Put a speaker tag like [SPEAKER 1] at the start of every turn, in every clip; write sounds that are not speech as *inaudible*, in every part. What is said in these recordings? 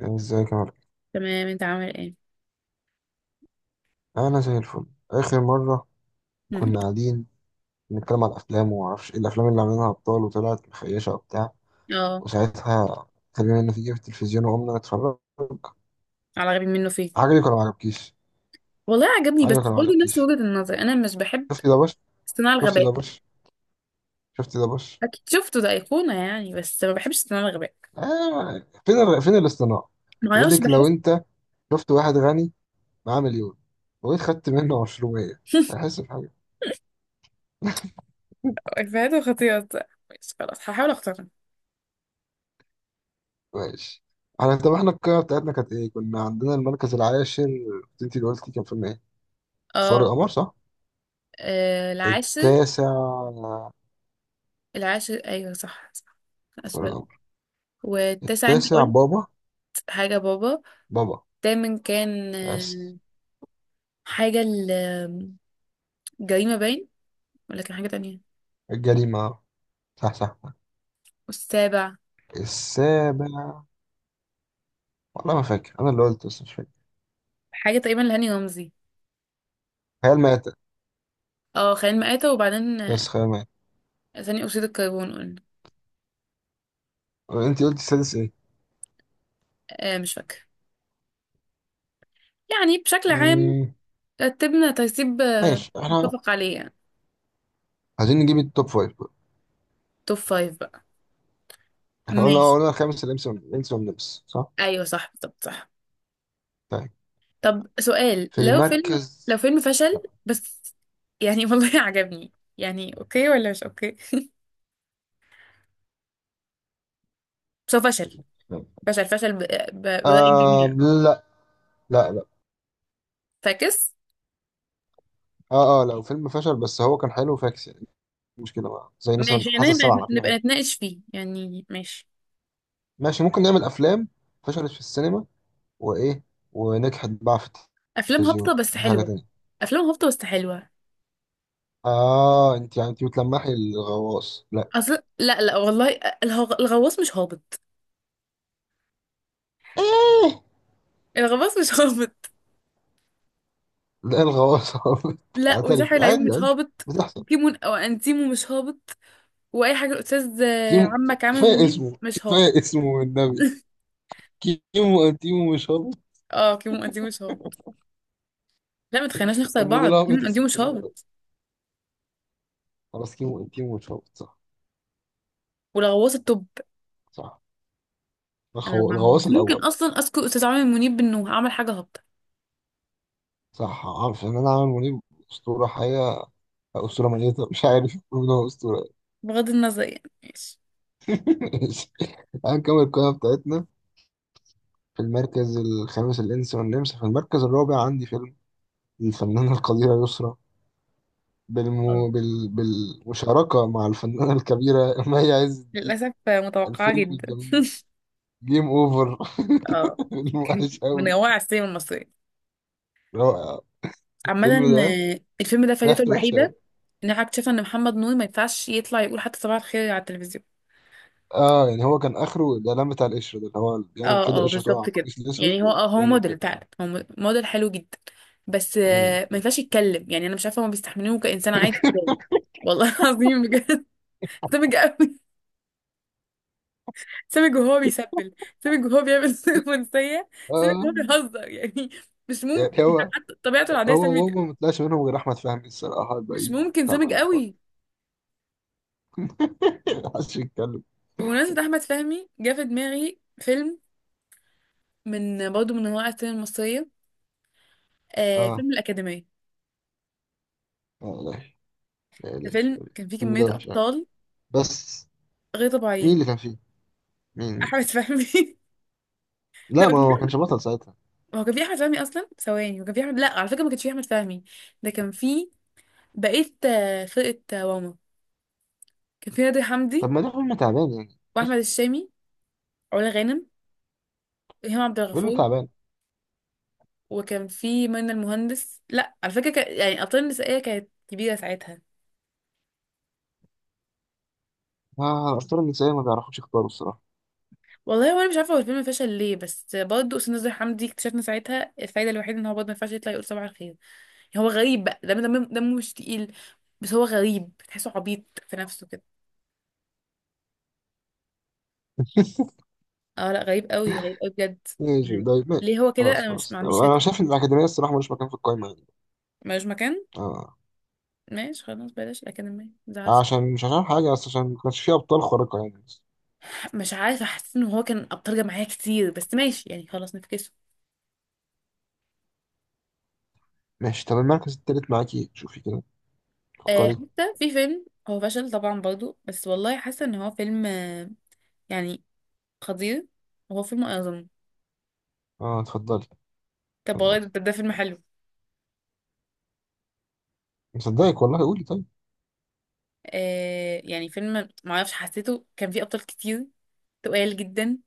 [SPEAKER 1] ازيك يا مارك؟
[SPEAKER 2] تمام انت عامل ايه.
[SPEAKER 1] انا زي الفل. اخر مره
[SPEAKER 2] مم.
[SPEAKER 1] كنا قاعدين بنتكلم على الافلام وما اعرفش ايه الافلام اللي عاملينها ابطال وطلعت مخيشه وبتاع،
[SPEAKER 2] اه،
[SPEAKER 1] وساعتها خلينا نتيجه في التلفزيون وقمنا نتفرج.
[SPEAKER 2] على غبي منه فيه.
[SPEAKER 1] عجبك ولا ما عجبكيش
[SPEAKER 2] والله عجبني بس
[SPEAKER 1] عجبك ولا ما
[SPEAKER 2] برضه نفس
[SPEAKER 1] عجبكيش
[SPEAKER 2] وجهة النظر انا مش بحب
[SPEAKER 1] شفتي ده بش
[SPEAKER 2] صناع
[SPEAKER 1] شفتي ده
[SPEAKER 2] الغباء.
[SPEAKER 1] بش شفتي ده بش؟
[SPEAKER 2] اكيد شفته، ده ايقونة يعني بس ما بحبش صناع الغباء.
[SPEAKER 1] آه. فين الاصطناع؟
[SPEAKER 2] ما
[SPEAKER 1] يقول
[SPEAKER 2] اعرفش
[SPEAKER 1] لك، لو
[SPEAKER 2] بحس.
[SPEAKER 1] انت شفت واحد غني معاه مليون، وجيت خدت منه 20،
[SPEAKER 2] *laughs*
[SPEAKER 1] هيحس بحاجه؟
[SPEAKER 2] افيهاته خطيرة بصراحة. ماشي خلاص هحاول اختارها.
[SPEAKER 1] ماشي. طب احنا القاعة بتاعتنا كانت ايه؟ كنا عندنا المركز العاشر، انت اللي قلتي كان فيلم ايه؟ اسوار
[SPEAKER 2] اه،
[SPEAKER 1] القمر صح؟
[SPEAKER 2] آه، العاشر.
[SPEAKER 1] التاسع.
[SPEAKER 2] العاشر ايوه صح صح.
[SPEAKER 1] اسوار
[SPEAKER 2] اسفل.
[SPEAKER 1] القمر.
[SPEAKER 2] والتاسع انت
[SPEAKER 1] التاسع
[SPEAKER 2] قلت
[SPEAKER 1] بابا
[SPEAKER 2] حاجة بابا.
[SPEAKER 1] بابا
[SPEAKER 2] الثامن كان
[SPEAKER 1] بس.
[SPEAKER 2] حاجة، الجريمة باين ولا كان حاجة تانية.
[SPEAKER 1] الجريمة، صح صح.
[SPEAKER 2] والسابع
[SPEAKER 1] السابع، والله ما فاكر انا اللي قلت بس مش فاكر.
[SPEAKER 2] حاجة تقريبا لهاني رمزي.
[SPEAKER 1] خيال مآتة،
[SPEAKER 2] اه خلينا مآتة وبعدين
[SPEAKER 1] بس خيال مآتة.
[SPEAKER 2] ثاني أكسيد الكربون قلنا.
[SPEAKER 1] انت قلتي السادس ايه؟
[SPEAKER 2] آه مش فاكرة يعني بشكل عام
[SPEAKER 1] مم،
[SPEAKER 2] رتبنا ترتيب،
[SPEAKER 1] ماشي. احنا
[SPEAKER 2] متفق عليه يعني.
[SPEAKER 1] عايزين نجيب التوب فايف بقى.
[SPEAKER 2] توب فايف بقى
[SPEAKER 1] احنا قلنا
[SPEAKER 2] ماشي.
[SPEAKER 1] قلنا الخامس الانس والنمس صح؟
[SPEAKER 2] أيوه صح بالظبط صح.
[SPEAKER 1] طيب،
[SPEAKER 2] طب سؤال،
[SPEAKER 1] في
[SPEAKER 2] لو فيلم لو
[SPEAKER 1] المركز...
[SPEAKER 2] فيلم فشل بس يعني *laughs* والله عجبني، يعني أوكي ولا مش أوكي. *laughs* بس هو فشل فشل فشل برأي
[SPEAKER 1] آه،
[SPEAKER 2] الجميع.
[SPEAKER 1] لا لا لا.
[SPEAKER 2] فاكس.
[SPEAKER 1] اه اه، لو فيلم فشل بس هو كان حلو فاكس يعني، مش مشكله بقى. زي مثلا
[SPEAKER 2] ماشي
[SPEAKER 1] حاسه
[SPEAKER 2] يعني نبقى
[SPEAKER 1] السبعه، على فيلم
[SPEAKER 2] نبقى
[SPEAKER 1] حلو
[SPEAKER 2] نتناقش فيه يعني، ماشي.
[SPEAKER 1] ماشي. ممكن نعمل افلام فشلت في السينما وايه ونجحت بقى في
[SPEAKER 2] أفلام
[SPEAKER 1] التلفزيون،
[SPEAKER 2] هابطة بس
[SPEAKER 1] دي حاجه
[SPEAKER 2] حلوة.
[SPEAKER 1] تانية.
[SPEAKER 2] أفلام هابطة بس حلوة.
[SPEAKER 1] اه، انت يعني بتلمحي الغواص؟ لا.
[SPEAKER 2] اصل لا والله، الغواص مش هابط.
[SPEAKER 1] ايه؟
[SPEAKER 2] الغواص مش *laughs* هابط.
[SPEAKER 1] لا، الغواص. *laughs*
[SPEAKER 2] لا
[SPEAKER 1] اعترف،
[SPEAKER 2] وساحر العيون
[SPEAKER 1] عادي
[SPEAKER 2] مش
[SPEAKER 1] عادي
[SPEAKER 2] هابط.
[SPEAKER 1] بتحصل.
[SPEAKER 2] وكيمون او انتيمو مش هابط. واي حاجه الاستاذ
[SPEAKER 1] كيمو،
[SPEAKER 2] عمك عامل
[SPEAKER 1] كفايه
[SPEAKER 2] منيب
[SPEAKER 1] اسمه
[SPEAKER 2] مش هابط.
[SPEAKER 1] كفايه اسمه والنبي.
[SPEAKER 2] *laughs*
[SPEAKER 1] كيمو انتيمو مش هابط،
[SPEAKER 2] اه كيمون انتيمو مش هابط. لا ما تخليناش نخسر
[SPEAKER 1] امال ده
[SPEAKER 2] بعض، كيمون
[SPEAKER 1] لعبة
[SPEAKER 2] انتيمو
[SPEAKER 1] اسمه
[SPEAKER 2] مش
[SPEAKER 1] ايه؟
[SPEAKER 2] هابط.
[SPEAKER 1] خلاص، كيمو انتيمو مش هابط صح.
[SPEAKER 2] والغواص التوب.
[SPEAKER 1] صح.
[SPEAKER 2] انا
[SPEAKER 1] الغواص
[SPEAKER 2] مش ممكن
[SPEAKER 1] الاول.
[SPEAKER 2] اصلا اذكر استاذ عامر منيب بانه عمل حاجه هابطه.
[SPEAKER 1] صح، عارف ان انا عامل منيب اسطوره حقيقه، اسطوره ميته، مش عارف يقولوا ان هو اسطوره.
[SPEAKER 2] بغض النظر يعني ماشي.
[SPEAKER 1] *laughs* ماشي، هنكمل القائمه بتاعتنا. في المركز الخامس الانس والنمس. في المركز الرابع عندي فيلم الفنانه القديره يسرا
[SPEAKER 2] اه
[SPEAKER 1] بالمشاركه مع الفنانه الكبيره *laughs* مي عز الدين،
[SPEAKER 2] للاسف، متوقعه
[SPEAKER 1] الفيلم
[SPEAKER 2] جدا.
[SPEAKER 1] الجميل
[SPEAKER 2] *laughs*
[SPEAKER 1] جيم اوفر.
[SPEAKER 2] اه
[SPEAKER 1] *laughs* فيلم
[SPEAKER 2] كان
[SPEAKER 1] وحش
[SPEAKER 2] من
[SPEAKER 1] قوي.
[SPEAKER 2] روائع السينما المصريه
[SPEAKER 1] رائع *laughs*
[SPEAKER 2] عامة.
[SPEAKER 1] الفيلم ده،
[SPEAKER 2] الفيلم ده فايدته
[SPEAKER 1] ريحته وحشه قوي.
[SPEAKER 2] الوحيدة ان انا اكتشفت ان محمد نور ما ينفعش يطلع يقول حتى صباح الخير على التلفزيون.
[SPEAKER 1] اه، يعني هو كان اخره الاعلان بتاع القشره ده، اللي هو بيعمل
[SPEAKER 2] اه
[SPEAKER 1] كده
[SPEAKER 2] اه
[SPEAKER 1] القشره تقع على
[SPEAKER 2] بالظبط كده.
[SPEAKER 1] القميص
[SPEAKER 2] يعني
[SPEAKER 1] الاسود
[SPEAKER 2] هو، هو
[SPEAKER 1] ويعمل
[SPEAKER 2] موديل
[SPEAKER 1] كده.
[SPEAKER 2] فعلا، هو موديل حلو جدا بس،
[SPEAKER 1] مم.
[SPEAKER 2] ما ينفعش يتكلم يعني انا مش عارفه هما بيستحملوه كانسان عادي ازاي. والله *laughs* العظيم بجد سامج قوي. سامج وهو بيسبل. سامج وهو بيعمل *laughs* رومانسيه. سامج
[SPEAKER 1] اه،
[SPEAKER 2] وهو بيهزر يعني. مش ممكن
[SPEAKER 1] يعني
[SPEAKER 2] يعني،
[SPEAKER 1] هو
[SPEAKER 2] حتى طبيعته العاديه
[SPEAKER 1] هو
[SPEAKER 2] سامج
[SPEAKER 1] وهو
[SPEAKER 2] كده.
[SPEAKER 1] ما طلعش منهم غير احمد فهمي الصراحه،
[SPEAKER 2] مش
[SPEAKER 1] الباقيين
[SPEAKER 2] ممكن سامج
[SPEAKER 1] تعبانين خالص.
[SPEAKER 2] قوي.
[SPEAKER 1] *laughs* محدش يتكلم.
[SPEAKER 2] بمناسبة أحمد فهمي جه في دماغي فيلم، من برضه من انواع السينما المصريه، آه
[SPEAKER 1] اه.
[SPEAKER 2] فيلم الاكاديميه.
[SPEAKER 1] لا لا لا
[SPEAKER 2] ده
[SPEAKER 1] لا،
[SPEAKER 2] فيلم كان فيه
[SPEAKER 1] الفيلم
[SPEAKER 2] كميه
[SPEAKER 1] ده وحش قوي
[SPEAKER 2] ابطال
[SPEAKER 1] بس.
[SPEAKER 2] غير
[SPEAKER 1] مين
[SPEAKER 2] طبيعيين.
[SPEAKER 1] اللي كان فيه؟ مين مين؟
[SPEAKER 2] احمد فهمي. *laughs*
[SPEAKER 1] لا،
[SPEAKER 2] لا
[SPEAKER 1] ما هو ما
[SPEAKER 2] بجد.
[SPEAKER 1] كانش بطل ساعتها.
[SPEAKER 2] هو كان فيه احمد فهمي اصلا ثواني، وكان فيه احمد، لا على فكره ما كانش فيه احمد فهمي. ده كان فيه بقيه، فرقه، واما كان فيه نادر
[SPEAKER 1] طب
[SPEAKER 2] حمدي
[SPEAKER 1] ما ده فيلم تعبان يعني
[SPEAKER 2] واحمد
[SPEAKER 1] ايش.
[SPEAKER 2] الشامي، علا غانم، وهيما عبد
[SPEAKER 1] فيلم
[SPEAKER 2] الغفور،
[SPEAKER 1] تعبان.
[SPEAKER 2] وكان فيه منى المهندس، لا على فكره كان... يعني الابطال النسائيه كانت كبيره ساعتها.
[SPEAKER 1] آه، الأسطورة النسائية ما بيعرفوش يختاروا الصراحة.
[SPEAKER 2] والله وانا مش عارفه هو الفيلم فشل ليه، بس برضه استاذ نزار حمدي اكتشفنا ساعتها الفايده الوحيده ان هو برضه ما ينفعش يطلع يقول صباح الخير. هو غريب بقى، دم دمه مش تقيل، بس هو غريب تحسه عبيط في نفسه كده.
[SPEAKER 1] *laughs*
[SPEAKER 2] اه لا غريب قوي غريب قوي بجد.
[SPEAKER 1] ماشي،
[SPEAKER 2] يعني
[SPEAKER 1] طيب، ماشي.
[SPEAKER 2] ليه هو كده،
[SPEAKER 1] خلاص
[SPEAKER 2] انا مش
[SPEAKER 1] خلاص،
[SPEAKER 2] ما عنديش
[SPEAKER 1] أنا
[SPEAKER 2] فكره.
[SPEAKER 1] شايف إن الأكاديمية الصراحة ملوش مكان في القايمة يعني.
[SPEAKER 2] ملوش مكان.
[SPEAKER 1] آه.
[SPEAKER 2] ماشي خلاص بلاش الاكاديميه، ما
[SPEAKER 1] آه،
[SPEAKER 2] تزعلش.
[SPEAKER 1] عشان مش عشان حاجة، بس عشان ما كانش فيه أبطال خارقة يعني.
[SPEAKER 2] مش عارفه حسيت ان هو كان ابطال جماعيه كتير بس ماشي يعني خلاص نفكسه.
[SPEAKER 1] ماشي. طب المركز التالت معاكي، شوفي كده،
[SPEAKER 2] آه
[SPEAKER 1] فكري.
[SPEAKER 2] حتى في فيلم هو فشل طبعا برضو بس والله حاسه ان هو فيلم، آه، يعني خطير، وهو فيلم اعظم.
[SPEAKER 1] اه، اتفضلي،
[SPEAKER 2] طب والله
[SPEAKER 1] اتفضلي.
[SPEAKER 2] ده فيلم حلو.
[SPEAKER 1] مصدقك والله، قولي، طيب.
[SPEAKER 2] آه يعني فيلم معرفش حسيته كان فيه ابطال كتير، تقال جدا.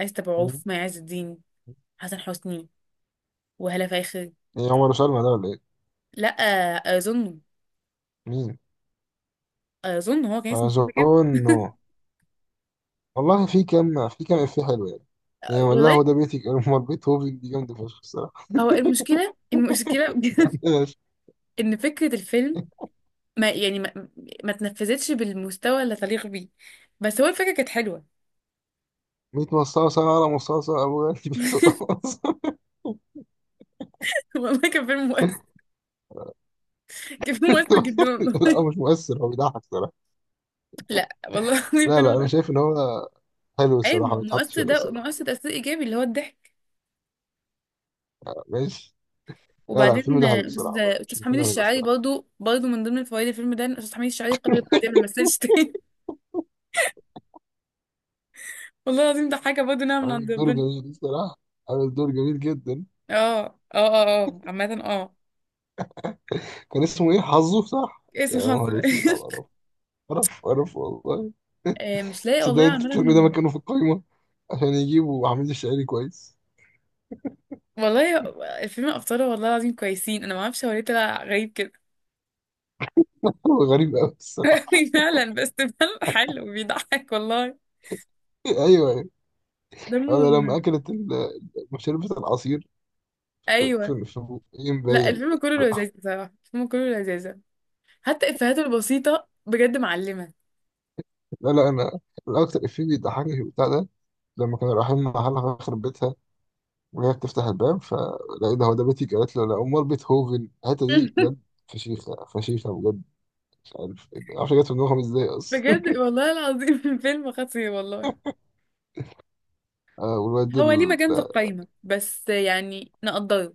[SPEAKER 2] آية أبو
[SPEAKER 1] مين؟
[SPEAKER 2] مي عز الدين، حسن حسني، وهالة فاخر.
[SPEAKER 1] ايه، عمر وسلمى ده ولا ايه؟
[SPEAKER 2] لا اظن،
[SPEAKER 1] مين؟
[SPEAKER 2] اظن هو كان اسمه فيلم كده.
[SPEAKER 1] اظن.
[SPEAKER 2] *laughs*
[SPEAKER 1] والله في كام افيه حلو يعني. يعني والله
[SPEAKER 2] والله
[SPEAKER 1] هو ده بيتك، امال بيت. هو دي جامده فشخ الصراحه.
[SPEAKER 2] هو المشكله بجد
[SPEAKER 1] ماشي.
[SPEAKER 2] *laughs* ان فكره الفيلم، ما يعني ما, ما تنفذتش بالمستوى اللي تليق بيه، بس هو الفكره كانت حلوه.
[SPEAKER 1] ميت مصاصة على مصاصة أبو غالي بنت
[SPEAKER 2] *laughs*
[SPEAKER 1] قصاصة.
[SPEAKER 2] والله كان فيلم مؤثر. كان فيلم مؤثر جدا والله.
[SPEAKER 1] *laughs* لا، هو مش مؤثر، هو بيضحك الصراحة.
[SPEAKER 2] *laughs* لا والله العظيم
[SPEAKER 1] لا
[SPEAKER 2] فيلم
[SPEAKER 1] لا، أنا
[SPEAKER 2] مؤثر.
[SPEAKER 1] شايف إن هو حلو
[SPEAKER 2] اي
[SPEAKER 1] الصراحة، ما يتحطش
[SPEAKER 2] مؤثر،
[SPEAKER 1] هنا
[SPEAKER 2] ده
[SPEAKER 1] الصراحة.
[SPEAKER 2] مؤثر تاثير ايجابي اللي هو الضحك.
[SPEAKER 1] ماشي. لا لا، الفيلم
[SPEAKER 2] وبعدين،
[SPEAKER 1] ده
[SPEAKER 2] آه،
[SPEAKER 1] حلو
[SPEAKER 2] أستاذ
[SPEAKER 1] الصراحة، مش
[SPEAKER 2] أستاذ حميد
[SPEAKER 1] مكانه هنا
[SPEAKER 2] الشاعري
[SPEAKER 1] الصراحة.
[SPEAKER 2] برضو برضو من ضمن فوائد الفيلم ده إن أستاذ حميد الشاعري قرر بعدين ما مثلش تاني. *laughs* والله العظيم ده حاجة برضو نعمة من
[SPEAKER 1] عامل
[SPEAKER 2] عند
[SPEAKER 1] دور
[SPEAKER 2] ربنا.
[SPEAKER 1] جميل الصراحة، عامل دور جميل جدا.
[SPEAKER 2] اه اه اه اه عامة اه،
[SPEAKER 1] كان اسمه ايه، حظه صح؟
[SPEAKER 2] اسم
[SPEAKER 1] يا
[SPEAKER 2] حظ.
[SPEAKER 1] نهار اسود على القرف،
[SPEAKER 2] *laughs*
[SPEAKER 1] قرف قرف والله.
[SPEAKER 2] آه، مش لاقي
[SPEAKER 1] تصدق
[SPEAKER 2] والله
[SPEAKER 1] انت
[SPEAKER 2] عامة.
[SPEAKER 1] بتعمل ده مكانه في القايمه، عشان يجيبوا عميد الشعري كويس.
[SPEAKER 2] والله الفيلم أبطاله والله العظيم كويسين، أنا ما أعرفش هو ليه طلع غريب كده.
[SPEAKER 1] هو غريب قوي الصراحه.
[SPEAKER 2] *laughs* فعلا، بس فعلا حلو بيضحك والله.
[SPEAKER 1] *laughs* ايوه ايوه.
[SPEAKER 2] دمه
[SPEAKER 1] انا لما اكلت شربت العصير في
[SPEAKER 2] أيوه.
[SPEAKER 1] في في بقين
[SPEAKER 2] لا
[SPEAKER 1] باين.
[SPEAKER 2] الفيلم كله لذيذ بصراحة، الفيلم كله لذيذ، حتى إفيهاته البسيطة بجد معلمة.
[SPEAKER 1] *laughs* لا لا، انا الاكتر افيه بيضحكني في البتاع ده، لما كانوا رايحين محلها في بيتها وهي بتفتح الباب فلقيت ده، هو ده بيتك؟ قالت له لا، امال بيتهوفن؟ الحته دي
[SPEAKER 2] *laughs*
[SPEAKER 1] بجد فشيخه، فشيخه بجد. مش عارف مش عارف جت في دماغهم ازاي اصلا.
[SPEAKER 2] بجد والله العظيم *laughs* فيلم خطير والله.
[SPEAKER 1] *laughs* والواد.
[SPEAKER 2] هو ليه مكان في القايمة بس، يعني نقدره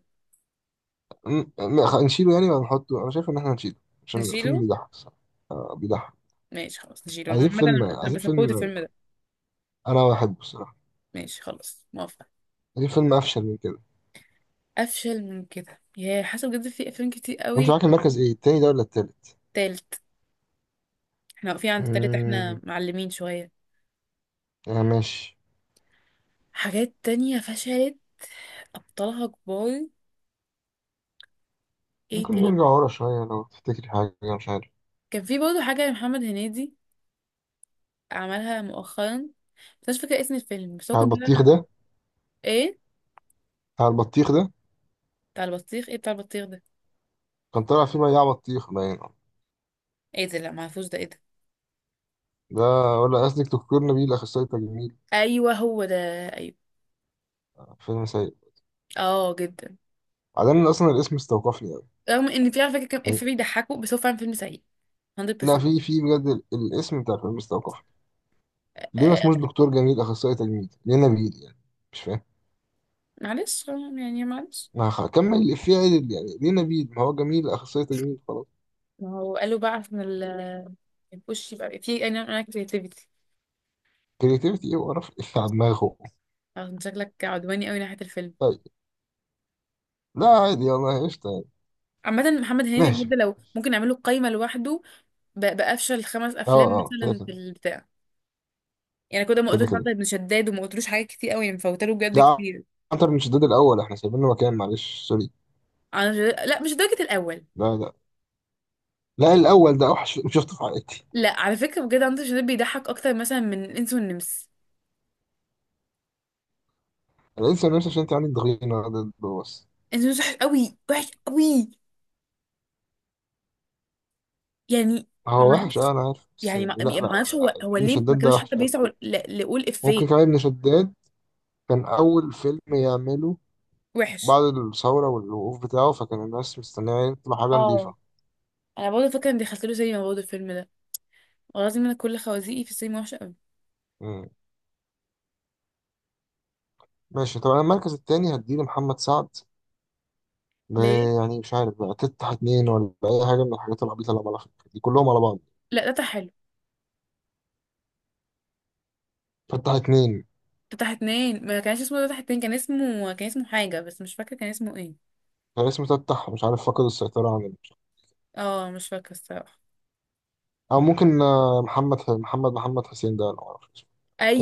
[SPEAKER 1] لا، نشيله يعني ولا نحطه؟ انا شايف ان احنا نشيله عشان الفيلم
[SPEAKER 2] نشيله.
[SPEAKER 1] بيضحك الصراحه. بيضحك.
[SPEAKER 2] ماشي خلاص نشيله،
[SPEAKER 1] عايزين فيلم،
[SPEAKER 2] مثلا انا
[SPEAKER 1] عايزين
[SPEAKER 2] بسبورت
[SPEAKER 1] فيلم.
[SPEAKER 2] الفيلم ده.
[SPEAKER 1] انا بحبه الصراحه.
[SPEAKER 2] ماشي خلاص موافقة.
[SPEAKER 1] عايزين فيلم افشل من كده.
[SPEAKER 2] افشل من كده يا حسب بجد في افلام كتير
[SPEAKER 1] وانت
[SPEAKER 2] قوي.
[SPEAKER 1] معاك المركز ايه، التاني ده ولا التالت؟
[SPEAKER 2] تالت، احنا واقفين عند التالت، احنا
[SPEAKER 1] امم.
[SPEAKER 2] معلمين شوية.
[SPEAKER 1] آه، ماشي.
[SPEAKER 2] حاجات تانية فشلت، ابطالها كبار. ايه
[SPEAKER 1] ممكن
[SPEAKER 2] تاني.
[SPEAKER 1] نرجع ورا شويه لو تفتكري حاجه، مش عارف.
[SPEAKER 2] كان في برضه حاجة لمحمد هنيدي عملها مؤخرا بس مش فاكرة اسم الفيلم، بس هو
[SPEAKER 1] بتاع
[SPEAKER 2] كان
[SPEAKER 1] البطيخ
[SPEAKER 2] طالع.
[SPEAKER 1] ده؟
[SPEAKER 2] ايه
[SPEAKER 1] بتاع البطيخ ده
[SPEAKER 2] بتاع البطيخ، ايه بتاع البطيخ ده.
[SPEAKER 1] كان طالع فيه بياع بطيخ باين.
[SPEAKER 2] ايه ده، لا معرفوش، ده ايه ده.
[SPEAKER 1] ده؟ ولا قصدك دكتور نبيل اخصائي تجميل؟
[SPEAKER 2] ايوه هو ده، ايوه.
[SPEAKER 1] فيلم سيء.
[SPEAKER 2] اه جدا.
[SPEAKER 1] بعدين اصلا الاسم استوقفني قوي
[SPEAKER 2] رغم ان في على فكره كام
[SPEAKER 1] يعني.
[SPEAKER 2] اف بيضحكوا، بس هو فعلا فيلم سيء
[SPEAKER 1] لا،
[SPEAKER 2] 100%.
[SPEAKER 1] في بجد الاسم بتاع الفيلم استوقفني. ليه ما اسموش
[SPEAKER 2] آه
[SPEAKER 1] دكتور جميل اخصائي تجميل، ليه نبيل يعني؟ مش فاهم.
[SPEAKER 2] معلش، يعني معلش.
[SPEAKER 1] ما هكمل الإفيه عدل يعني، ليه نبيل ما هو جميل اخصائي تجميل خلاص.
[SPEAKER 2] ما هو قالوا بقى عشان الوش يبقى في، انا كريتيفيتي.
[SPEAKER 1] كريتيفيتي ايه وقرف. *laughs* الإفيه على دماغه.
[SPEAKER 2] شكلك عدواني قوي ناحيه الفيلم.
[SPEAKER 1] طيب. لا عادي والله، قشطة يعني.
[SPEAKER 2] عامة محمد هنيدي
[SPEAKER 1] ماشي.
[SPEAKER 2] بجد لو ممكن نعمله قايمة لوحده بأفشل خمس
[SPEAKER 1] اه
[SPEAKER 2] أفلام
[SPEAKER 1] اه، كده
[SPEAKER 2] مثلا في
[SPEAKER 1] كده.
[SPEAKER 2] البتاع. يعني كده ما
[SPEAKER 1] كده
[SPEAKER 2] قلتلوش عبد
[SPEAKER 1] كده.
[SPEAKER 2] ابن شداد، وما قلتلوش حاجات كتير قوي يعني مفوتاله بجد
[SPEAKER 1] لا،
[SPEAKER 2] كتير.
[SPEAKER 1] عنتر من شداد الاول احنا سايبين له مكان، معلش سوري.
[SPEAKER 2] أنا مش... لا مش درجة الأول.
[SPEAKER 1] لا لا لا، الاول ده اوحش، مش شفته في عائلتي.
[SPEAKER 2] لا على فكرة بجد عنتر شداد بيضحك أكتر مثلا من الإنس والنمس.
[SPEAKER 1] انا انسى نفسي عشان انت عندك ضغينه ده بس.
[SPEAKER 2] الإنس والنمس وحش أوي وحش أوي يعني.
[SPEAKER 1] هو وحش
[SPEAKER 2] معرفش،
[SPEAKER 1] اه، انا عارف بس
[SPEAKER 2] يعني
[SPEAKER 1] يعني،
[SPEAKER 2] ما
[SPEAKER 1] لا لا.
[SPEAKER 2] معرفش هو
[SPEAKER 1] ابن
[SPEAKER 2] ليه ما
[SPEAKER 1] شداد ده
[SPEAKER 2] كانوش حتى
[SPEAKER 1] وحش
[SPEAKER 2] بيسعوا
[SPEAKER 1] أوي.
[SPEAKER 2] لقول إفيه.
[SPEAKER 1] ممكن كمان ابن شداد كان اول فيلم يعمله
[SPEAKER 2] وحش
[SPEAKER 1] بعد الثورة والوقوف بتاعه، فكان الناس مستنية يطلع حاجة
[SPEAKER 2] اه.
[SPEAKER 1] نظيفة.
[SPEAKER 2] أنا برضه فاكرة إني دخلت له سينما برضه الفيلم ده. والله العظيم أنا كل خوازيقي في السينما وحشة أوي.
[SPEAKER 1] مم. ماشي. طب أنا المركز التاني هديه لمحمد سعد. ب-
[SPEAKER 2] ليه؟
[SPEAKER 1] يعني مش عارف بقى، تفتح اتنين ولا أي حاجة من الحاجات العبيطة اللي عملها دي كلهم على بعض.
[SPEAKER 2] لا ده حلو.
[SPEAKER 1] فتح اتنين.
[SPEAKER 2] ده اتنين، ما كانش اسمه ده اتنين، كان اسمه كان اسمه حاجة بس مش فاكرة كان اسمه ايه.
[SPEAKER 1] كان اسمه تفتح مش عارف، فقد السيطرة عن ال-.
[SPEAKER 2] اه مش فاكرة الصراحة.
[SPEAKER 1] أو ممكن محمد محمد حسين ده أنا معرفش اسمه.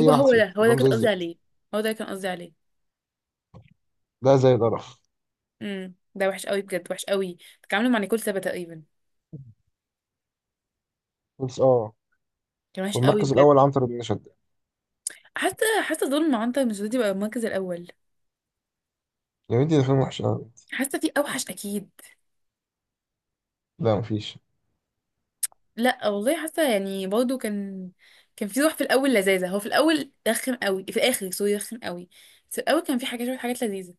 [SPEAKER 1] أي واحد
[SPEAKER 2] هو
[SPEAKER 1] فيهم
[SPEAKER 2] ده، هو ده
[SPEAKER 1] كلهم
[SPEAKER 2] كنت
[SPEAKER 1] زي
[SPEAKER 2] قصدي
[SPEAKER 1] الزفت.
[SPEAKER 2] عليه. هو ده كان قصدي عليه.
[SPEAKER 1] ده زي القرف
[SPEAKER 2] امم، ده وحش قوي بجد وحش قوي. اتعاملوا مع نيكول سابا تقريبا.
[SPEAKER 1] بس، اه.
[SPEAKER 2] كان وحش قوي
[SPEAKER 1] والمركز
[SPEAKER 2] بجد.
[SPEAKER 1] الأول عنتر بن شداد.
[SPEAKER 2] حاسه، دول مع عنتر مسعودي بقى المركز الاول.
[SPEAKER 1] يا بنتي ده فيلم وحش أوي.
[SPEAKER 2] حاسه في اوحش اكيد.
[SPEAKER 1] لا مفيش.
[SPEAKER 2] لا والله حاسه، يعني برضه كان، كان في روح في الاول لذاذه، هو في الاول رخم قوي في الاخر، سوري رخم قوي، بس في الاول كان في حاجات شويه حاجات لذيذه.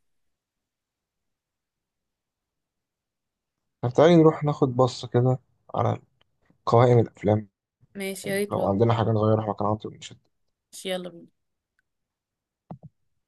[SPEAKER 1] طب تعالي نروح ناخد بصة كده على قوائم الأفلام،
[SPEAKER 2] ماشي يا ريت
[SPEAKER 1] لو
[SPEAKER 2] والله.
[SPEAKER 1] عندنا حاجة نغيرها كان عاطل مش
[SPEAKER 2] ماشي، يلا بينا.